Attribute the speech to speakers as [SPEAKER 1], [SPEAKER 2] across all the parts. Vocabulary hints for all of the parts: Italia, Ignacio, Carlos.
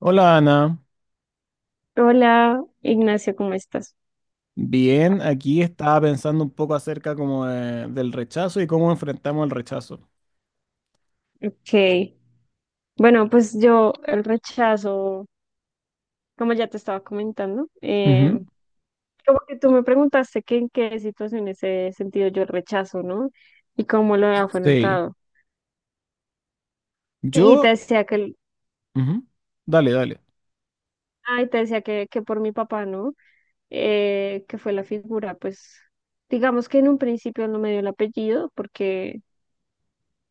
[SPEAKER 1] Hola Ana,
[SPEAKER 2] Hola, Ignacio, ¿cómo estás?
[SPEAKER 1] bien, aquí estaba pensando un poco acerca como del rechazo y cómo enfrentamos el rechazo.
[SPEAKER 2] Ok. Bueno, pues yo el rechazo, como ya te estaba comentando,
[SPEAKER 1] Ujú.
[SPEAKER 2] como que tú me preguntaste que en qué situaciones he sentido yo el rechazo, ¿no? Y cómo lo he
[SPEAKER 1] Sí,
[SPEAKER 2] afrontado. Y
[SPEAKER 1] yo...
[SPEAKER 2] te decía que,
[SPEAKER 1] ujú. Dale, dale.
[SPEAKER 2] ay, te decía que por mi papá, ¿no? Que fue la figura, pues, digamos que en un principio no me dio el apellido porque,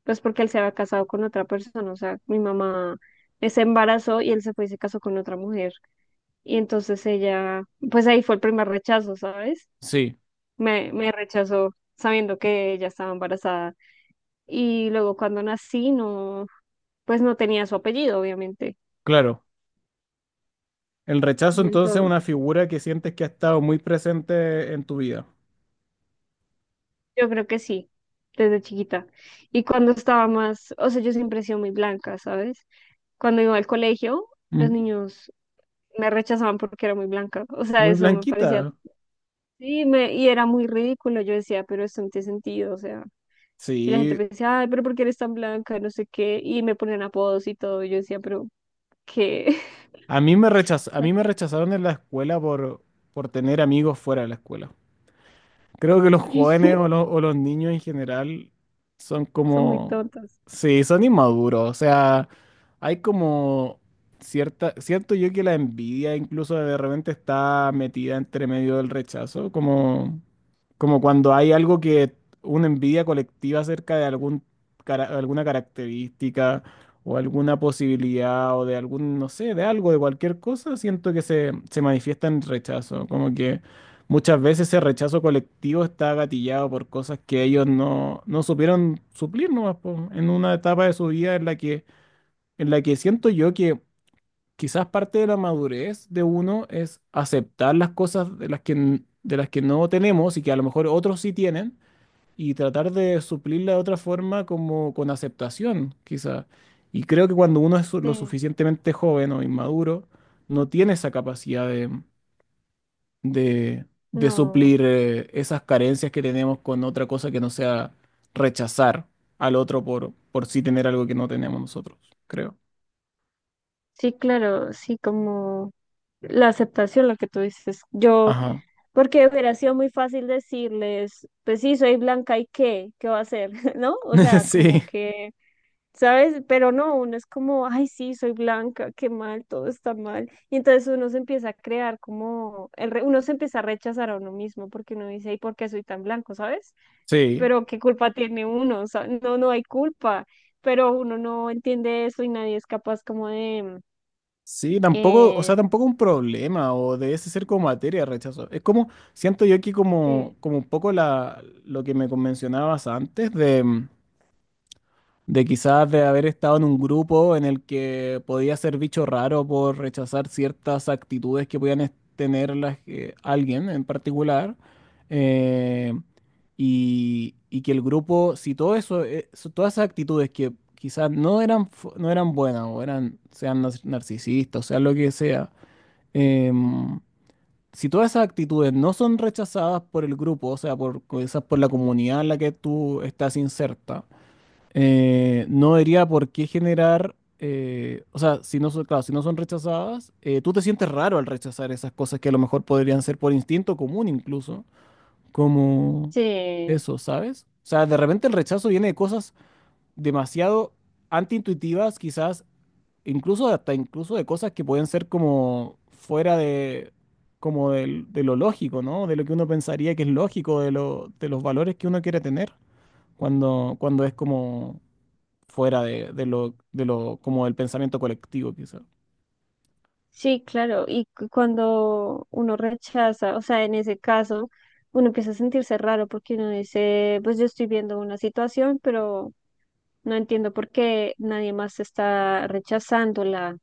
[SPEAKER 2] pues porque él se había casado con otra persona, o sea, mi mamá se embarazó y él se fue y se casó con otra mujer. Y entonces ella, pues ahí fue el primer rechazo, ¿sabes?
[SPEAKER 1] Sí,
[SPEAKER 2] Me rechazó sabiendo que ella estaba embarazada. Y luego cuando nací, no, pues no tenía su apellido, obviamente.
[SPEAKER 1] claro. El rechazo
[SPEAKER 2] Y
[SPEAKER 1] entonces es
[SPEAKER 2] entonces,
[SPEAKER 1] una figura que sientes que ha estado muy presente en tu vida.
[SPEAKER 2] yo creo que sí, desde chiquita. Y cuando estaba más, o sea, yo siempre he sido muy blanca, ¿sabes? Cuando iba al colegio, los
[SPEAKER 1] Ujú.
[SPEAKER 2] niños me rechazaban porque era muy blanca. O sea,
[SPEAKER 1] Muy
[SPEAKER 2] eso me parecía,
[SPEAKER 1] blanquita.
[SPEAKER 2] sí, me, y era muy ridículo. Yo decía, pero esto no tiene sentido, o sea. Y la gente
[SPEAKER 1] Sí,
[SPEAKER 2] me decía, ay, pero ¿por qué eres tan blanca? No sé qué. Y me ponían apodos y todo. Y yo decía, pero ¿qué? O
[SPEAKER 1] a
[SPEAKER 2] sea,
[SPEAKER 1] mí me rechazaron en la escuela por tener amigos fuera de la escuela. Creo que los jóvenes o los niños en general son
[SPEAKER 2] son muy
[SPEAKER 1] como,
[SPEAKER 2] tontas.
[SPEAKER 1] sí, son inmaduros. O sea, hay como cierta, siento yo que la envidia incluso de repente está metida entre medio del rechazo, como, como cuando hay algo que, una envidia colectiva acerca de algún, alguna característica o alguna posibilidad o de algún, no sé, de algo, de cualquier cosa, siento que se manifiesta en rechazo, como que... Muchas veces ese rechazo colectivo está gatillado por cosas que ellos no supieron suplir nomás, po, en una etapa de su vida en la que siento yo que quizás parte de la madurez de uno es aceptar las cosas de las que, de las que no tenemos y que a lo mejor otros sí tienen y tratar de suplirla de otra forma como con aceptación, quizás. Y creo que cuando uno es lo
[SPEAKER 2] Sí,
[SPEAKER 1] suficientemente joven o inmaduro, no tiene esa capacidad de, de
[SPEAKER 2] no.
[SPEAKER 1] suplir esas carencias que tenemos con otra cosa que no sea rechazar al otro por sí tener algo que no tenemos nosotros, creo.
[SPEAKER 2] Sí, claro, sí, como la aceptación, lo que tú dices. Yo,
[SPEAKER 1] Ajá.
[SPEAKER 2] porque hubiera sido muy fácil decirles, pues sí, soy blanca y qué, ¿qué va a hacer? ¿No? O sea, como
[SPEAKER 1] Sí,
[SPEAKER 2] que ¿sabes? Pero no, uno es como, ay, sí, soy blanca, qué mal, todo está mal. Y entonces uno se empieza a crear como, uno se empieza a rechazar a uno mismo porque uno dice, ¿y por qué soy tan blanco? ¿Sabes?
[SPEAKER 1] sí.
[SPEAKER 2] Pero ¿qué culpa tiene uno? O sea, no, no hay culpa, pero uno no entiende eso y nadie es capaz como de...
[SPEAKER 1] Sí, tampoco, o sea,
[SPEAKER 2] Eh,
[SPEAKER 1] tampoco un problema o debe ser como materia de rechazo. Es como, siento yo aquí
[SPEAKER 2] sí.
[SPEAKER 1] como, como un poco lo que me mencionabas antes de... de quizás de haber estado en un grupo en el que podía ser bicho raro por rechazar ciertas actitudes que tener alguien en particular, eh, y que el grupo, si todo eso, todas esas actitudes que quizás no eran, no eran buenas o eran, sean narcisistas, o sea, lo que sea, em, si todas esas actitudes no son rechazadas por el grupo, o sea, por, quizás por la comunidad en la que tú estás inserta, no diría por qué generar, o sea, si no son, claro, si no son rechazadas, tú te sientes raro al rechazar esas cosas que a lo mejor podrían ser por instinto común incluso, como
[SPEAKER 2] Sí,
[SPEAKER 1] eso, ¿sabes? O sea, de repente el rechazo viene de cosas demasiado antiintuitivas, quizás, incluso hasta incluso de cosas que pueden ser como fuera de, como de, lo lógico, ¿no? De lo que uno pensaría que es lógico, de lo, de los valores que uno quiere tener, cuando, cuando es como fuera de lo, como del pensamiento colectivo, quizá.
[SPEAKER 2] sí, claro. Y cuando uno rechaza, o sea, en ese caso, uno empieza a sentirse raro porque uno dice, pues yo estoy viendo una situación, pero no entiendo por qué nadie más está rechazándola,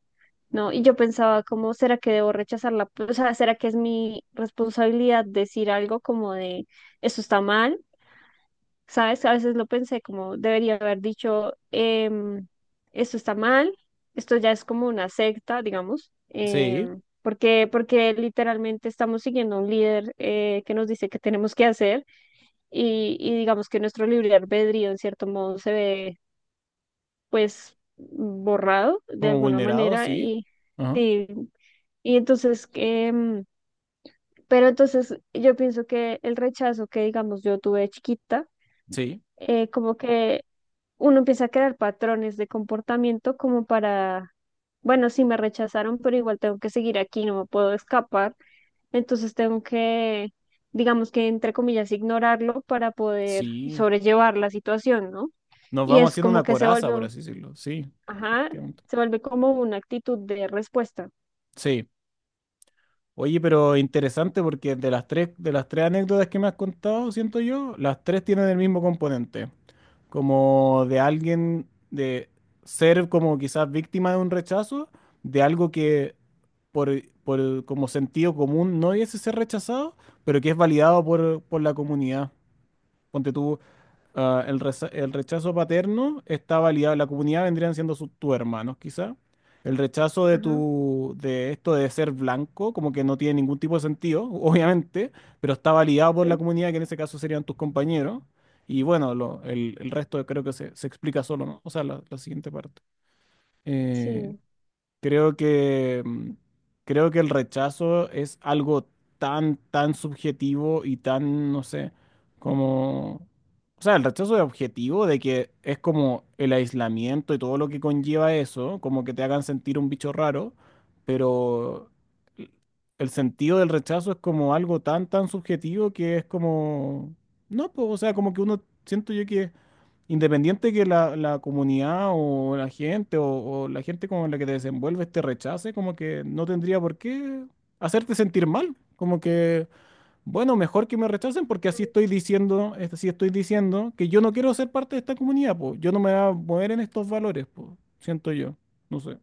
[SPEAKER 2] ¿no? Y yo pensaba, ¿cómo será que debo rechazarla? Pues, o sea, ¿será que es mi responsabilidad decir algo como de, eso está mal? ¿Sabes? A veces lo pensé como, debería haber dicho, em, esto está mal, esto ya es como una secta, digamos,
[SPEAKER 1] Sí,
[SPEAKER 2] porque, porque literalmente estamos siguiendo a un líder que nos dice que tenemos que hacer. Y digamos que nuestro libre albedrío en cierto modo se ve pues borrado de
[SPEAKER 1] como
[SPEAKER 2] alguna
[SPEAKER 1] vulnerado
[SPEAKER 2] manera
[SPEAKER 1] sí.
[SPEAKER 2] y
[SPEAKER 1] Ajá.
[SPEAKER 2] sí, y entonces que, pero entonces yo pienso que el rechazo que digamos yo tuve de chiquita,
[SPEAKER 1] Sí,
[SPEAKER 2] como que uno empieza a crear patrones de comportamiento como para, bueno, sí me rechazaron, pero igual tengo que seguir aquí, no me puedo escapar, entonces tengo que, digamos que entre comillas, ignorarlo para poder
[SPEAKER 1] sí.
[SPEAKER 2] sobrellevar la situación, ¿no?
[SPEAKER 1] Nos
[SPEAKER 2] Y
[SPEAKER 1] vamos
[SPEAKER 2] es
[SPEAKER 1] haciendo
[SPEAKER 2] como
[SPEAKER 1] una
[SPEAKER 2] que se
[SPEAKER 1] coraza, por
[SPEAKER 2] vuelve.
[SPEAKER 1] así decirlo. Sí,
[SPEAKER 2] Ajá,
[SPEAKER 1] efectivamente.
[SPEAKER 2] se vuelve como una actitud de respuesta.
[SPEAKER 1] Sí. Oye, pero interesante porque de las tres anécdotas que me has contado, siento yo, las tres tienen el mismo componente, como de alguien, de ser como quizás víctima de un rechazo, de algo que por, por como sentido común no hubiese ser rechazado, pero que es validado por la comunidad. Ponte tú, ah, el rechazo paterno está validado, la comunidad vendrían siendo sus, tus hermanos, quizá. El rechazo de
[SPEAKER 2] Ajá,
[SPEAKER 1] tu, de esto de ser blanco, como que no tiene ningún tipo de sentido, obviamente, pero está validado por la
[SPEAKER 2] sí.
[SPEAKER 1] comunidad, que en ese caso serían tus compañeros. Y bueno, el resto creo que se explica solo, ¿no? O sea, la siguiente parte. Eh,
[SPEAKER 2] Sí,
[SPEAKER 1] Creo que, creo que el rechazo es algo tan, tan subjetivo y tan, no sé, como... O sea, el rechazo es objetivo de que es como el aislamiento y todo lo que conlleva eso, como que te hagan sentir un bicho raro, pero el el sentido del rechazo es como algo tan, tan subjetivo que es como... No, pues, o sea, como que uno, siento yo que independiente que la comunidad o la gente o la gente con la que te desenvuelves te rechace, como que no tendría por qué hacerte sentir mal. Como que, bueno, mejor que me rechacen porque así estoy diciendo, así estoy diciendo que yo no quiero ser parte de esta comunidad, pues. Yo no me voy a mover en estos valores, pues. Siento yo. No sé.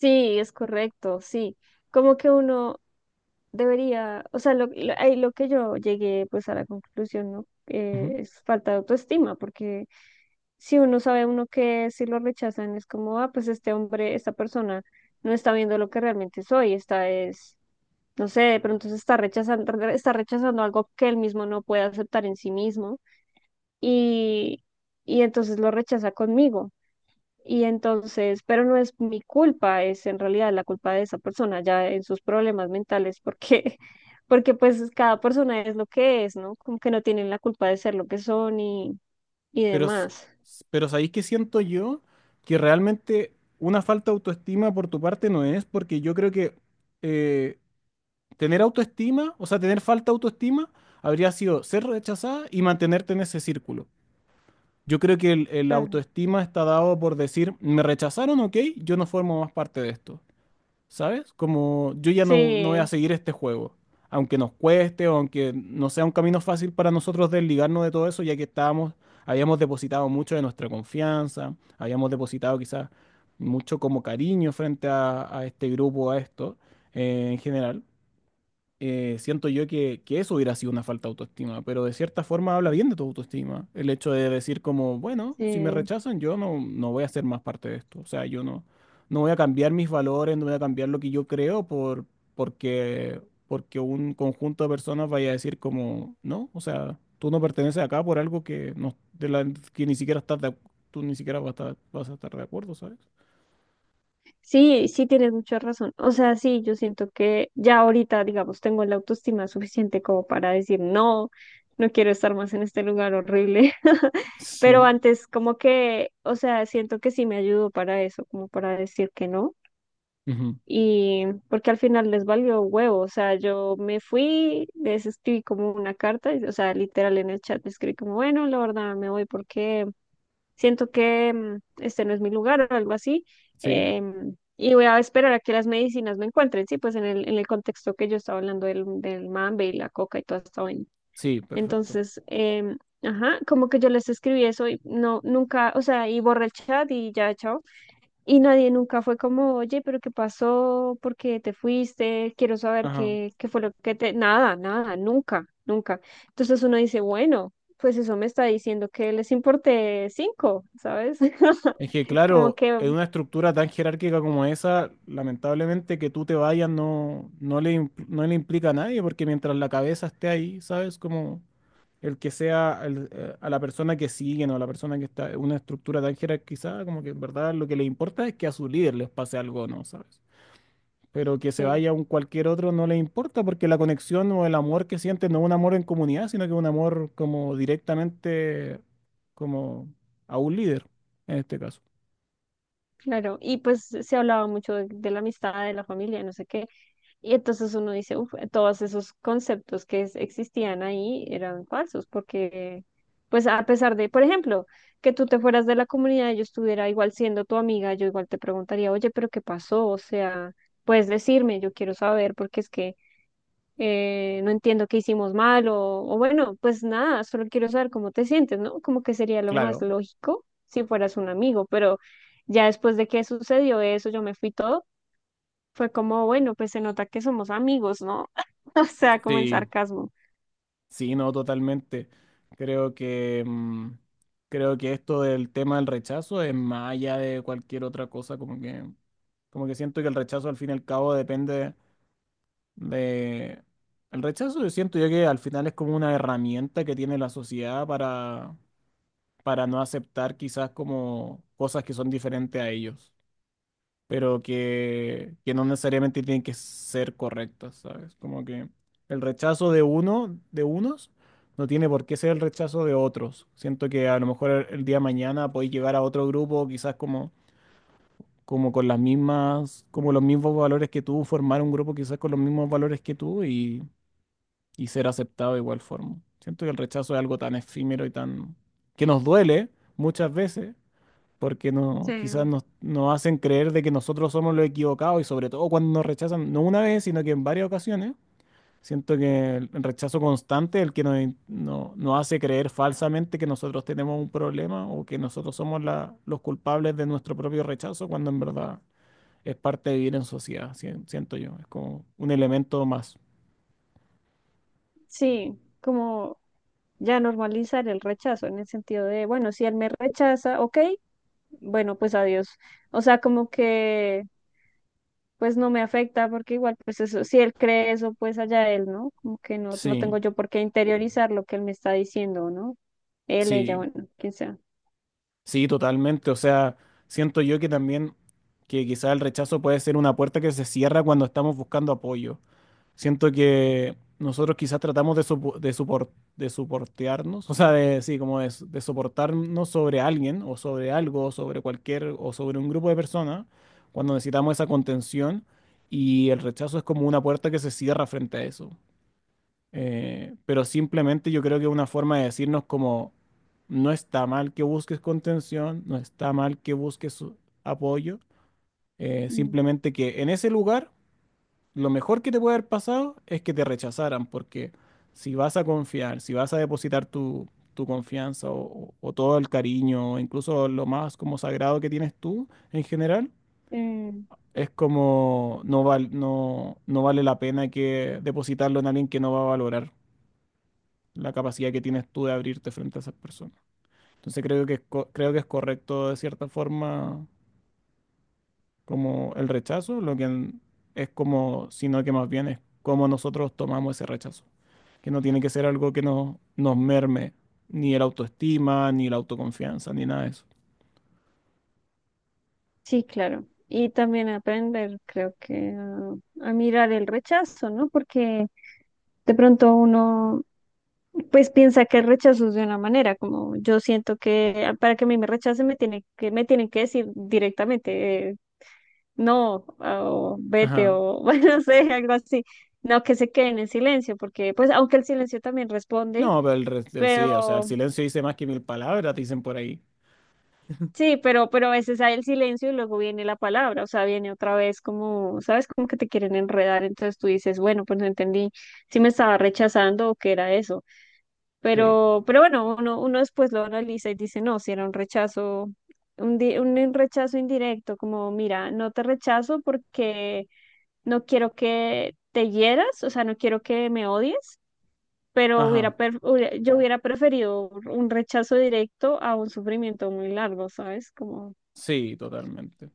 [SPEAKER 2] sí, es correcto, sí. Como que uno debería, o sea, ahí lo que yo llegué pues a la conclusión, ¿no?
[SPEAKER 1] Ujú.
[SPEAKER 2] Es falta de autoestima, porque si uno sabe uno que si lo rechazan es como, ah, pues este hombre, esta persona no está viendo lo que realmente soy, esta es, no sé, de pronto se está rechazando algo que él mismo no puede aceptar en sí mismo, y, y entonces lo rechaza conmigo. Y entonces, pero no es mi culpa, es en realidad la culpa de esa persona ya en sus problemas mentales, porque porque pues cada persona es lo que es, ¿no? Como que no tienen la culpa de ser lo que son y
[SPEAKER 1] Pero,
[SPEAKER 2] demás.
[SPEAKER 1] pero sabéis que siento yo que realmente una falta de autoestima por tu parte no es, porque yo creo que. eh, Tener autoestima, o sea, tener falta de autoestima, habría sido ser rechazada y mantenerte en ese círculo. Yo creo que el
[SPEAKER 2] Claro.
[SPEAKER 1] autoestima está dado por decir, me rechazaron, ok, yo no formo más parte de esto, ¿sabes? Como yo ya no voy a
[SPEAKER 2] Sí,
[SPEAKER 1] seguir este juego, aunque nos cueste o aunque no sea un camino fácil para nosotros desligarnos de todo eso, ya que estábamos, habíamos depositado mucho de nuestra confianza, habíamos depositado quizás mucho como cariño frente a este grupo, a esto, en general siento yo que eso hubiera sido una falta de autoestima, pero de cierta forma habla bien de tu autoestima. El hecho de decir como, bueno, si me
[SPEAKER 2] sí.
[SPEAKER 1] rechazan, yo no, no voy a ser más parte de esto. O sea, yo no, no voy a cambiar mis valores, no voy a cambiar lo que yo creo por, porque, porque un conjunto de personas vaya a decir como, no, o sea, tú no perteneces acá por algo que, no, de la, que ni siquiera estás de, tú ni siquiera vas a estar de acuerdo, ¿sabes?
[SPEAKER 2] Sí, sí tienes mucha razón. O sea, sí, yo siento que ya ahorita, digamos, tengo la autoestima suficiente como para decir, no, no quiero estar más en este lugar horrible. Pero
[SPEAKER 1] Sí.
[SPEAKER 2] antes, como que, o sea, siento que sí me ayudó para eso, como para decir que no.
[SPEAKER 1] Ujú.
[SPEAKER 2] Y porque al final les valió huevo, o sea, yo me fui, les escribí como una carta, o sea, literal en el chat les escribí como, bueno, la verdad me voy porque siento que este no es mi lugar o algo así,
[SPEAKER 1] Sí,
[SPEAKER 2] y voy a esperar a que las medicinas me encuentren, sí, pues en el contexto que yo estaba hablando del, del mambe y la coca y toda esta vaina.
[SPEAKER 1] sí, perfecto.
[SPEAKER 2] Entonces, ajá, como que yo les escribí eso y no, nunca, o sea, y borré el chat y ya, chao. Y nadie nunca fue como, oye, pero ¿qué pasó? ¿Por qué te fuiste? Quiero saber
[SPEAKER 1] Ajá.
[SPEAKER 2] qué, qué fue lo que te... Nada, nada, nunca, nunca. Entonces uno dice, bueno, pues eso me está diciendo que les importé cinco, ¿sabes?
[SPEAKER 1] Es que,
[SPEAKER 2] Como
[SPEAKER 1] claro,
[SPEAKER 2] que,
[SPEAKER 1] en una estructura tan jerárquica como esa, lamentablemente que tú te vayas no, no le, no le implica a nadie, porque mientras la cabeza esté ahí, ¿sabes? Como el que sea a la persona que siguen o a la persona que está en una estructura tan jerarquizada, como que en verdad lo que le importa es que a su líder les pase algo, o ¿no? ¿Sabes? Pero que se
[SPEAKER 2] sí,
[SPEAKER 1] vaya un cualquier otro no le importa, porque la conexión o el amor que siente no es un amor en comunidad, sino que es un amor como directamente como a un líder, en este caso.
[SPEAKER 2] claro. Y pues se hablaba mucho de la amistad, de la familia, no sé qué. Y entonces uno dice, uff, todos esos conceptos que existían ahí eran falsos, porque, pues a pesar de, por ejemplo, que tú te fueras de la comunidad, yo estuviera igual siendo tu amiga, yo igual te preguntaría, oye, pero ¿qué pasó? O sea, puedes decirme, yo quiero saber, porque es que no entiendo qué hicimos mal, o bueno, pues nada, solo quiero saber cómo te sientes, ¿no? Como que sería lo más
[SPEAKER 1] Claro,
[SPEAKER 2] lógico si fueras un amigo, pero ya después de que sucedió eso, yo me fui todo fue como, bueno, pues se nota que somos amigos, ¿no? O sea, como en
[SPEAKER 1] sí,
[SPEAKER 2] sarcasmo.
[SPEAKER 1] sí, no, totalmente. Creo que creo que esto del tema del rechazo es más allá de cualquier otra cosa, como que siento que el rechazo al fin y al cabo depende de el rechazo yo siento yo que al final es como una herramienta que tiene la sociedad para no aceptar quizás como cosas que son diferentes a ellos, pero que no necesariamente tienen que ser correctas, ¿sabes? Como que el rechazo de uno, de unos, no tiene por qué ser el rechazo de otros. Siento que a lo mejor el día de mañana podéis llegar a otro grupo, quizás como, como con las mismas, como los mismos valores que tú, formar un grupo quizás con los mismos valores que tú y ser aceptado de igual forma. Siento que el rechazo es algo tan efímero y tan que nos duele muchas veces porque no,
[SPEAKER 2] Sí,
[SPEAKER 1] quizás nos, nos hacen creer de que nosotros somos los equivocados y sobre todo cuando nos rechazan, no una vez, sino que en varias ocasiones. Siento que el rechazo constante es el que nos, nos hace creer falsamente que nosotros tenemos un problema o que nosotros somos los culpables de nuestro propio rechazo, cuando en verdad es parte de vivir en sociedad, siento yo. Es como un elemento más.
[SPEAKER 2] sí, como ya normalizar el rechazo en el sentido de, bueno, si él me rechaza, ok, bueno, pues adiós. O sea, como que pues no me afecta porque igual pues eso, si él cree eso, pues allá él, ¿no? Como que no, no
[SPEAKER 1] Sí,
[SPEAKER 2] tengo yo por qué interiorizar lo que él me está diciendo, ¿no? Él, ella,
[SPEAKER 1] sí,
[SPEAKER 2] bueno, quien sea.
[SPEAKER 1] sí, totalmente. O sea, siento yo que también, que quizás el rechazo puede ser una puerta que se cierra cuando estamos buscando apoyo. Siento que nosotros quizás tratamos de soportearnos, o sea, de, sí, como de, de soportarnos sobre alguien o sobre algo, o sobre cualquier o sobre un grupo de personas, cuando necesitamos esa contención y el rechazo es como una puerta que se cierra frente a eso. Pero simplemente yo creo que es una forma de decirnos como, no está mal que busques contención, no está mal que busques apoyo,
[SPEAKER 2] Mm.
[SPEAKER 1] simplemente que en ese lugar lo mejor que te puede haber pasado es que te rechazaran, porque si vas a confiar, si vas a depositar tu, tu confianza o todo el cariño, o incluso lo más como sagrado que tienes tú en general,
[SPEAKER 2] Eh,
[SPEAKER 1] es como no, no vale la pena que depositarlo en alguien que no va a valorar la capacidad que tienes tú de abrirte frente a esas personas. Entonces creo que es, creo que es correcto de cierta forma como el rechazo, es como, sino que más bien es como nosotros tomamos ese rechazo, que no tiene que ser algo que no nos merme ni el autoestima, ni la autoconfianza, ni nada de eso.
[SPEAKER 2] Sí, claro. Y también aprender, creo que a mirar el rechazo, ¿no? Porque de pronto uno, pues piensa que el rechazo es de una manera, como yo siento que ah, para que a mí me rechacen me tienen que decir directamente, no, ah, o vete,
[SPEAKER 1] Ajá.
[SPEAKER 2] o bueno, no sé, algo así. No que se queden en silencio, porque pues aunque el silencio también responde,
[SPEAKER 1] No, pero sí, o sea, el
[SPEAKER 2] pero
[SPEAKER 1] silencio dice más que mil palabras, dicen por ahí.
[SPEAKER 2] sí, pero a veces hay el silencio y luego viene la palabra, o sea, viene otra vez como, ¿sabes? Como que te quieren enredar, entonces tú dices, bueno, pues no entendí si me estaba rechazando o qué era eso.
[SPEAKER 1] Sí.
[SPEAKER 2] Pero bueno, uno, uno después lo analiza y dice, no, si era un rechazo, un, un rechazo indirecto, como, mira, no te rechazo porque no quiero que te hieras, o sea, no quiero que me odies, pero
[SPEAKER 1] Ajá.
[SPEAKER 2] hubiera, yo hubiera preferido un rechazo directo a un sufrimiento muy largo, ¿sabes? Como...
[SPEAKER 1] Sí, totalmente.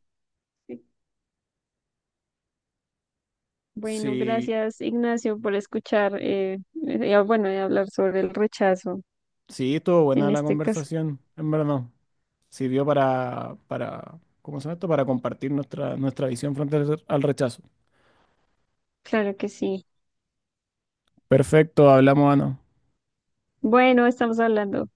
[SPEAKER 2] sí. Bueno,
[SPEAKER 1] Sí,
[SPEAKER 2] gracias Ignacio por escuchar, bueno, y hablar sobre el rechazo
[SPEAKER 1] sí, estuvo buena
[SPEAKER 2] en
[SPEAKER 1] la
[SPEAKER 2] este caso.
[SPEAKER 1] conversación, en verdad. Sirvió para, ¿cómo se llama esto? Para compartir nuestra, nuestra visión frente al al rechazo.
[SPEAKER 2] Claro que sí.
[SPEAKER 1] Perfecto, hablamos, Ana.
[SPEAKER 2] Bueno, estamos hablando.